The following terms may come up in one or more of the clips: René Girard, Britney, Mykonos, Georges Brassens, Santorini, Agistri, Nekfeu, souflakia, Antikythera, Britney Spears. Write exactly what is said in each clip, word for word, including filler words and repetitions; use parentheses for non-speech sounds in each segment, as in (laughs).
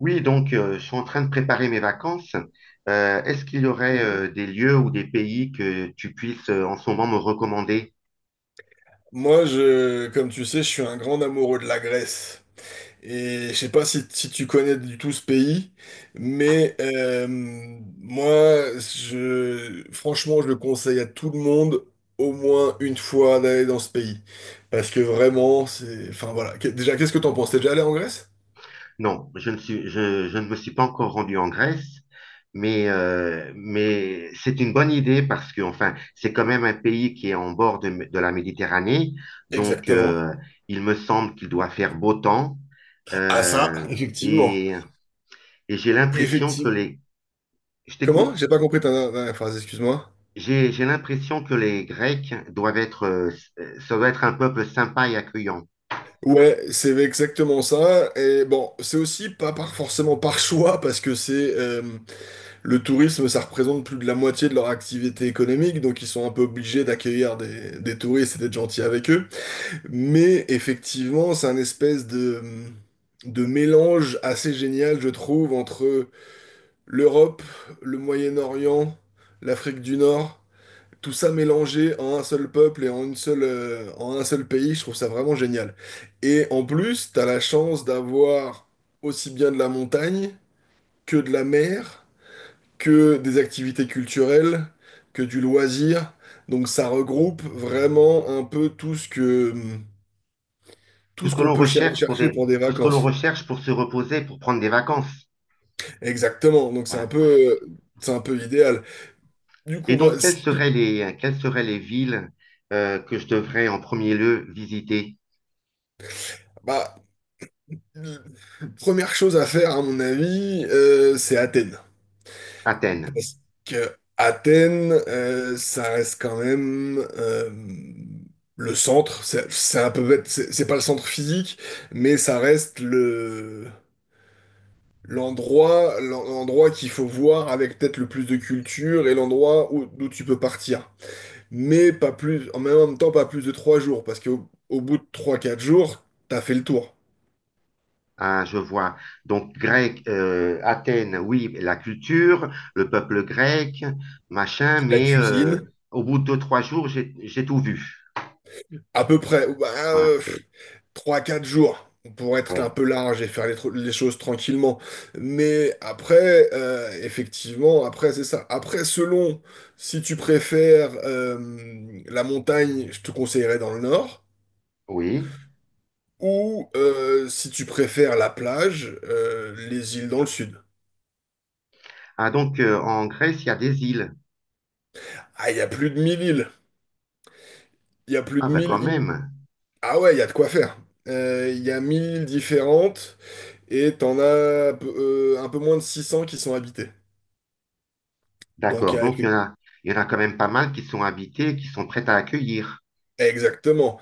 Oui, donc euh, je suis en train de préparer mes vacances. Euh, est-ce qu'il y aurait Mhm. euh, des lieux ou des pays que tu puisses euh, en ce moment me recommander? Moi, je, comme tu sais, je suis un grand amoureux de la Grèce. Et je sais pas si, si tu connais du tout ce pays, mais euh, moi, je, franchement, je le conseille à tout le monde au moins une fois d'aller dans ce pays. Parce que vraiment, c'est... enfin voilà. Qu- Déjà, qu'est-ce que t'en penses? T'es déjà allé en Grèce? Non, je ne suis, je, je ne me suis pas encore rendu en Grèce, mais, euh, mais c'est une bonne idée parce que enfin, c'est quand même un pays qui est en bord de, de la Méditerranée, donc Exactement. euh, il me semble qu'il doit faire beau temps Ah ça, euh,, effectivement. et, et j'ai l'impression que Effectivement. les... Je Comment? J'ai t'écoute? pas compris ta ta- ta phrase, excuse-moi. J'ai, j'ai l'impression que les Grecs doivent être, euh, ça doit être un peuple sympa et accueillant. Ouais, c'est exactement ça. Et bon, c'est aussi pas par, forcément par choix, parce que c'est euh, le tourisme, ça représente plus de la moitié de leur activité économique, donc ils sont un peu obligés d'accueillir des, des touristes et d'être gentils avec eux. Mais effectivement, c'est un espèce de, de mélange assez génial, je trouve, entre l'Europe, le Moyen-Orient, l'Afrique du Nord tout ça mélangé en un seul peuple et en une seule, euh, en un seul pays, je trouve ça vraiment génial. Et en plus, t'as la chance d'avoir aussi bien de la montagne que de la mer, que des activités culturelles, que du loisir. Donc ça regroupe vraiment un peu tout ce que, Tout tout ce ce que qu'on l'on peut cher- recherche pour chercher des, pour des tout ce que l'on vacances. recherche pour se reposer, pour prendre des vacances. Exactement. Donc c'est un Voilà. peu, euh, c'est un peu idéal. Du Et coup, moi, donc, quelles si- seraient les, quelles seraient les villes euh, que je devrais en premier lieu visiter? bah, euh, première chose à faire, à mon avis, euh, c'est Athènes. Athènes. Parce que Athènes, euh, ça reste quand même euh, le centre. C'est c'est un peu bête, c'est c'est pas le centre physique, mais ça reste le l'endroit l'en- l'endroit qu'il faut voir avec peut-être le plus de culture et l'endroit où, d'où tu peux partir. Mais pas plus, en même temps, pas plus de trois jours, parce qu'au au bout de trois, quatre jours, t'as fait le tour. Hein, je vois. Donc, grec, euh, Athènes, oui, la culture, le peuple grec, machin, La mais euh, cuisine, Au bout de deux, trois jours, j'ai, j'ai tout vu. à peu près. Bah, Voilà. euh, trois quatre jours pour être un Ouais. peu large et faire les, tr- les choses tranquillement. Mais après, euh, effectivement, après, c'est ça. Après, selon si tu préfères euh, la montagne, je te conseillerais dans le nord, Oui. ou euh, si tu préfères la plage, euh, les îles dans le sud. Ah, donc euh, en Grèce, il y a des îles. Ah, il y a plus de mille îles. Il y a plus Ah, de bah quand mille îles. même. Ah ouais, il y a de quoi faire. Euh, Il y a mille îles différentes et t'en as euh, un peu moins de six cents qui sont habitées. Donc, il D'accord. y a Donc il y en a, il y en a quand même pas mal qui sont habitées, qui sont prêtes à accueillir. Exactement.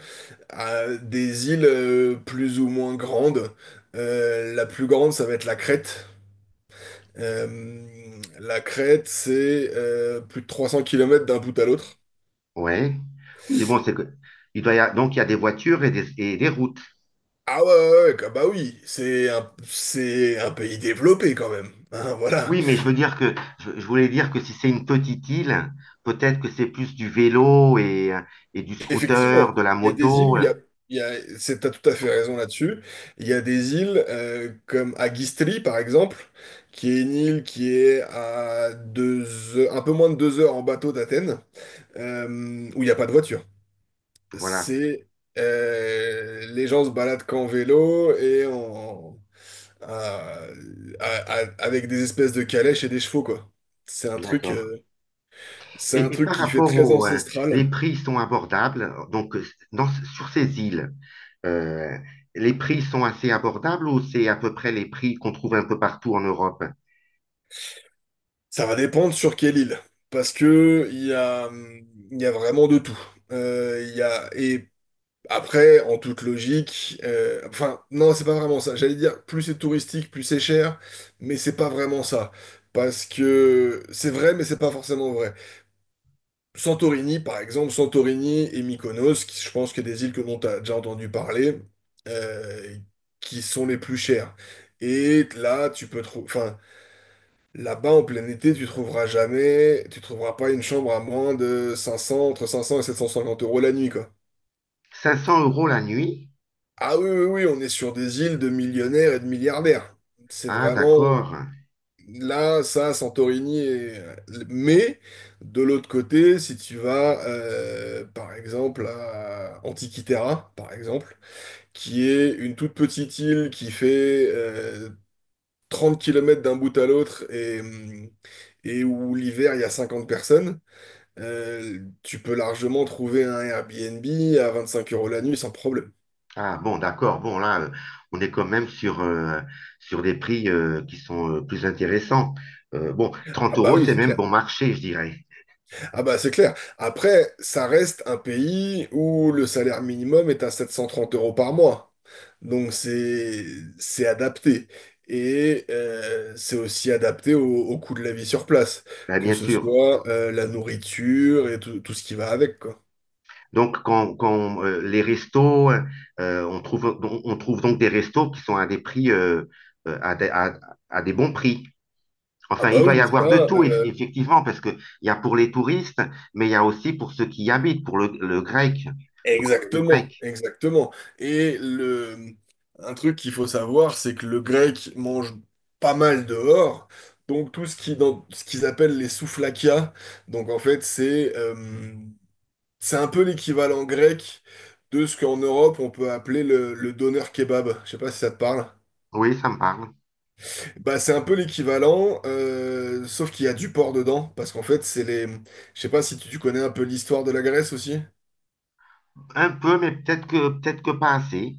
À des îles euh, plus ou moins grandes. Euh, la plus grande, ça va être la Crète. Euh, la Crète, c'est euh, plus de trois cents kilomètres d'un bout à l'autre. Ouais. Oui, bon, c'est que. Il doit y a- Donc il y a des voitures et des, et des routes. Ah ouais, ouais, ouais, comme- bah oui, c'est un, c'est un pays développé quand même. Hein, voilà. Oui, mais je veux dire que je, je voulais dire que si c'est une petite île, peut-être que c'est plus du vélo et, euh, et du Effectivement, scooter, de la il y a des îles moto. où il euh, y a, il y a, c'est, t'as tout à fait raison là-dessus. Il y a des îles euh, comme Agistri, par exemple, qui est une île qui est à deux, heures- un peu moins de deux heures en bateau d'Athènes, euh, où il n'y a pas de voiture. Voilà. C'est euh, Les gens se baladent qu'en vélo et en, à- à- à- avec des espèces de calèches et des chevaux, quoi. C'est un truc, D'accord. euh, c'est un Et, et truc par qui fait rapport très aux ancestral. les prix sont abordables. Donc, euh, dans- sur ces îles, euh, les prix sont assez abordables ou c'est à peu près les prix qu'on trouve un peu partout en Europe? Ça va dépendre sur quelle île, parce que il y a, hum, il y a vraiment de tout. Euh, Il y a, et Après, en toute logique, euh, enfin, non, c'est pas vraiment ça. J'allais dire, plus c'est touristique, plus c'est cher, mais c'est pas vraiment ça. Parce que c'est vrai, mais c'est pas forcément vrai. Santorini, par exemple, Santorini et Mykonos, qui, je pense que des îles que l'on t'a déjà entendu parler, euh, qui sont les plus chères. Et là, tu peux trouver, enfin, là-bas, en plein été, tu trouveras jamais, tu trouveras pas une chambre à moins de cinq cents, entre cinq cents et sept cent cinquante euros la nuit, quoi. cinq cents euros la nuit? Ah oui, oui, oui, on est sur des îles de millionnaires et de milliardaires. C'est Ah, vraiment d'accord. là, ça, Santorini. et- Mais de l'autre côté, si tu vas, euh, par exemple, à Antikythera, par exemple, qui est une toute petite île qui fait euh, trente kilomètres d'un bout à l'autre et, hum, et où l'hiver, il y a cinquante personnes, euh, tu peux largement trouver un Airbnb à vingt-cinq euros la nuit sans problème. Ah, bon, d'accord. Bon, là, euh, on est quand même sur, euh, sur des prix euh, qui sont euh, plus intéressants. Euh, bon, Ah 30 bah euros, oui, c'est c'est même clair. bon marché, je dirais. Ah bah c'est clair. Après, ça reste un pays où le salaire minimum est à sept cent trente euros par mois. Donc c'est c'est adapté. Et euh, c'est aussi adapté au, au coût de la vie sur place, Ben, que bien ce sûr. soit euh, la nourriture et tout, tout ce qui va avec, quoi. Donc, quand, quand, euh, les restos, euh, euh, on trouve, on trouve donc des restos qui sont à des prix, euh, euh, à, des, à- à des bons prix. Ah Enfin, il bah doit y oui, ça, avoir de tout, eff- euh, effectivement, parce que il y a pour les touristes, mais il y a aussi pour ceux qui y habitent, pour le, le grec, le communauté exactement, grecque. exactement. Et le, un truc qu'il faut savoir, c'est que le grec mange pas mal dehors. Donc tout ce qui dans ce qu'ils appellent les souflakias, donc en fait c'est euh, c'est un peu l'équivalent grec de ce qu'en Europe on peut appeler le, le doner kebab. Je sais pas si ça te parle. Oui, ça me parle. Bah c'est un peu l'équivalent, euh, sauf qu'il y a du porc dedans, parce qu'en fait c'est les. Je sais pas si tu tu connais un peu l'histoire de la Grèce aussi. Un peu, mais peut-être que, peut-être que pas assez.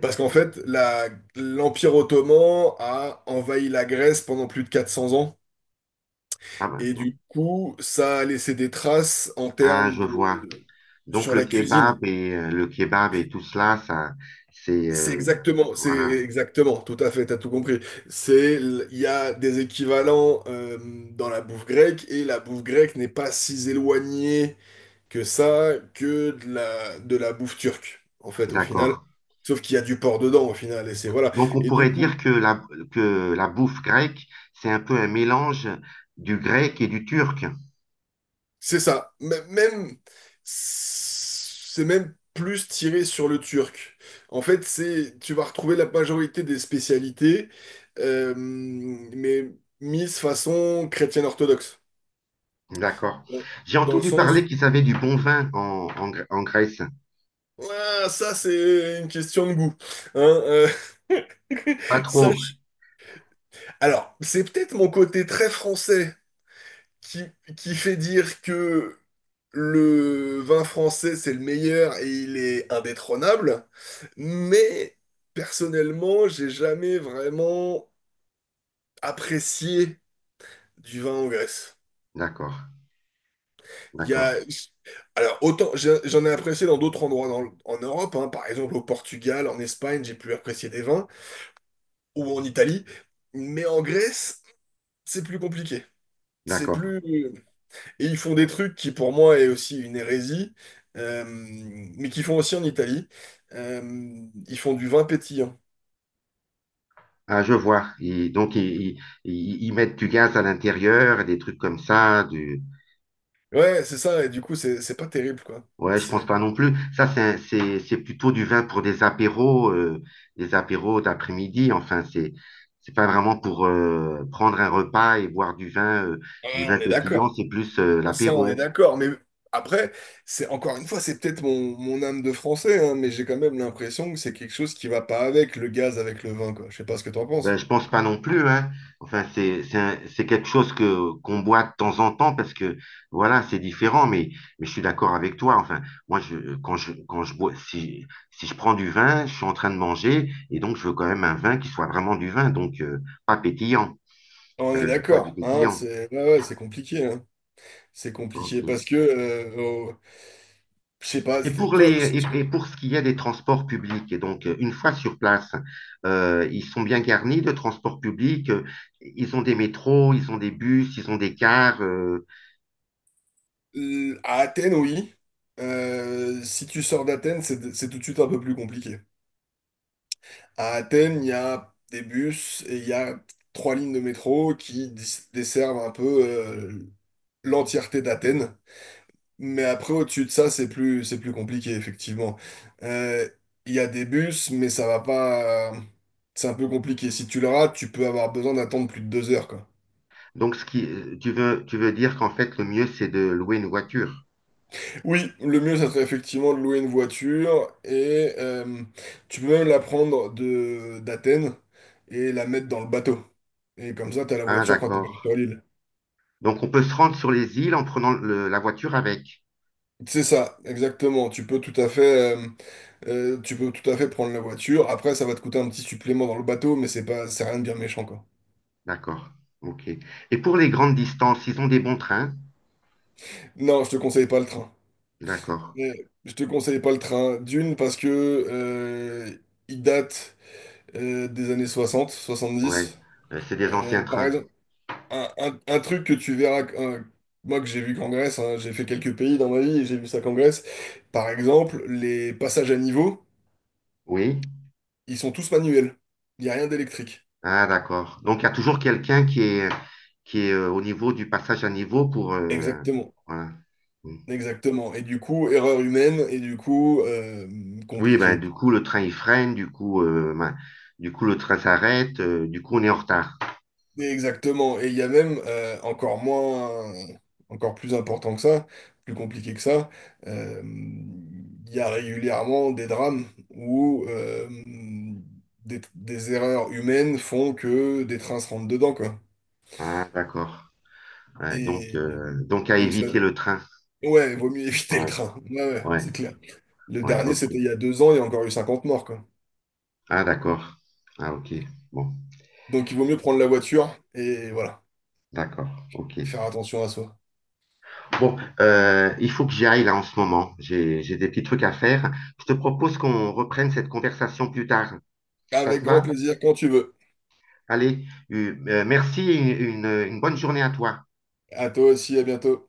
Parce qu'en fait, la- l'Empire ottoman a envahi la Grèce pendant plus de quatre cents ans. Ah, ben, Et non. du coup, ça a laissé des traces en Ah, termes je vois. de. Donc, Sur le la cuisine. kebab et, euh, le kebab et tout cela, ça, c'est, C'est euh, exactement, c'est voilà, exactement, tout à fait, t'as tout compris. C'est, l- il y a des équivalents euh, dans la bouffe grecque et la bouffe grecque n'est pas si éloignée que ça que de la, de la bouffe turque, en fait, au final. d'accord. Sauf qu'il y a du porc dedans, au final, et c'est voilà. Donc, on Et du pourrait coup, dire que la, que la bouffe grecque, c'est un peu un mélange du grec et du turc. C'est ça. M- Même, c'est même plus tiré sur le turc. En fait, c'est, tu vas retrouver la majorité des spécialités, euh, mais mises façon chrétienne orthodoxe. D'accord. Bon. J'ai Dans le entendu parler sens, qu'ils avaient du bon vin en, en, Gr- en Grèce. Ah, ça c'est une question de goût. Hein, euh, Pas (laughs) ça, trop. je- Alors, c'est peut-être mon côté très français qui, qui fait dire que le vin français, c'est le meilleur et il est indétrônable. Mais personnellement, j'ai jamais vraiment apprécié du vin en Grèce. D'accord, Il y d'accord, a... Alors, autant j'ai- j'en ai apprécié dans d'autres endroits dans le- en Europe, hein, par exemple au Portugal, en Espagne, j'ai pu apprécier des vins, ou en Italie, mais en Grèce, c'est plus compliqué. C'est d'accord. plus. Et ils font des trucs qui pour moi est aussi une hérésie, euh, mais qu'ils font aussi en Italie. Euh, ils font du vin pétillant. Ah, je vois. Ils- donc, ils, ils- ils- mettent du gaz à l'intérieur, des trucs comme ça, du, Ouais, c'est ça, et du coup, c'est c'est pas terrible, quoi. Ouais, je pense C'est... pas non plus. Ça, c'est un- c'est c'est plutôt du vin pour des apéros, euh, des apéros d'après-midi. Enfin, c'est c'est pas vraiment pour euh, prendre un repas et boire du vin, euh, Ah, du vin on est pétillant. d'accord. C'est plus euh, Ça, on est l'apéro. d'accord. Mais après, c'est encore une fois, c'est peut-être mon, mon âme de français, hein, mais j'ai quand même l'impression que c'est quelque chose qui va pas avec le gaz, avec le vin, quoi. Je sais pas ce que t'en Ben, penses. je pense pas non plus, hein. Enfin, c'est c'est un- c'est quelque chose que qu'on boit de temps en temps parce que voilà, c'est différent. Mais mais je suis d'accord avec toi. Enfin, moi, je quand je quand je bois, si si je prends du vin, je suis en train de manger et donc je veux quand même un vin qui soit vraiment du vin, donc euh, pas pétillant. On est Euh, pas du d'accord, hein, pétillant. c'est ouais, ouais, c'est compliqué, hein. C'est Ok. compliqué parce que, euh, au- je sais pas, Et c'est- pour toi, les, et, et pour ce qui est des transports publics, et donc euh, une fois sur place, euh, ils sont bien garnis de transports publics. euh, Ils ont des métros, ils ont des bus, ils ont des cars. euh, euh, à Athènes, oui. Euh, si tu sors d'Athènes, c'est c'est tout de suite un peu plus compliqué. À Athènes, il y a des bus et il y a trois lignes de métro qui dis- desservent un peu euh, l'entièreté d'Athènes. Mais après, au-dessus de ça, c'est plus, c'est plus compliqué, effectivement. Euh, Il y a des bus, mais ça va pas. C'est un peu compliqué. Si tu le rates, tu peux avoir besoin d'attendre plus de deux heures, quoi. Donc ce qui, euh, tu veux, tu veux dire qu'en fait le mieux c'est de louer une voiture. Oui, le mieux, ça serait effectivement de louer une voiture et euh, tu peux même la prendre de d'Athènes et la mettre dans le bateau. Et comme ça, t'as la Ah voiture quand tu sur d'accord. l'île. Donc on peut se rendre sur les îles en prenant le- la voiture avec. C'est ça, exactement. Tu peux tout à fait, euh, euh, tu peux tout à fait prendre la voiture. Après, ça va te coûter un petit supplément dans le bateau, mais c'est pas, c'est rien de bien méchant, quoi. D'accord. Ok. Et pour les grandes distances, ils ont des bons trains. Non, je te conseille pas le train. D'accord. Mais je te conseille pas le train. D'une, parce que euh, il date euh, des années soixante, Ouais. soixante-dix. Euh, c'est des anciens Euh, par trains. exemple, un, un- un truc que tu verras, euh, moi que j'ai vu qu'en Grèce, hein, j'ai fait quelques pays dans ma vie et j'ai vu ça qu'en Grèce. Par exemple, les passages à niveau, Oui. ils sont tous manuels. Il n'y a rien d'électrique. Ah, d'accord. Donc, il y a toujours quelqu'un qui est, qui est euh, au niveau du passage à niveau pour... euh, Exactement. voilà. Mm. Exactement. Et du coup, erreur humaine, et du coup, euh, Oui, ben, compliqué. du coup, le train, il freine, du coup, euh, ben, du coup, le train s'arrête, euh, du coup, on est en retard. Exactement. Et il y a même euh, encore moins, encore plus important que ça, plus compliqué que ça, euh, il y a régulièrement des drames où euh, des, des erreurs humaines font que des trains se rentrent dedans, quoi. Ah, d'accord. Ouais, donc, Et euh, donc, à donc ça, éviter le train. ouais, vaut mieux (laughs) éviter le Ouais, train. Ouais, ouais, ouais, c'est clair. Le ouais, dernier, ok. c'était il y a deux ans, il y a encore eu cinquante morts, quoi. Ah, d'accord. Ah, ok. Bon, Donc il vaut mieux prendre la voiture et voilà, d'accord, ok. faire attention à soi. Bon, euh, il faut que j'y aille là en ce moment. J'ai, j'ai des petits trucs à faire. Je te propose qu'on reprenne cette conversation plus tard. Ça Avec te grand va? plaisir quand tu veux. Allez, euh, euh, merci et une une bonne journée à toi. À toi aussi, à bientôt.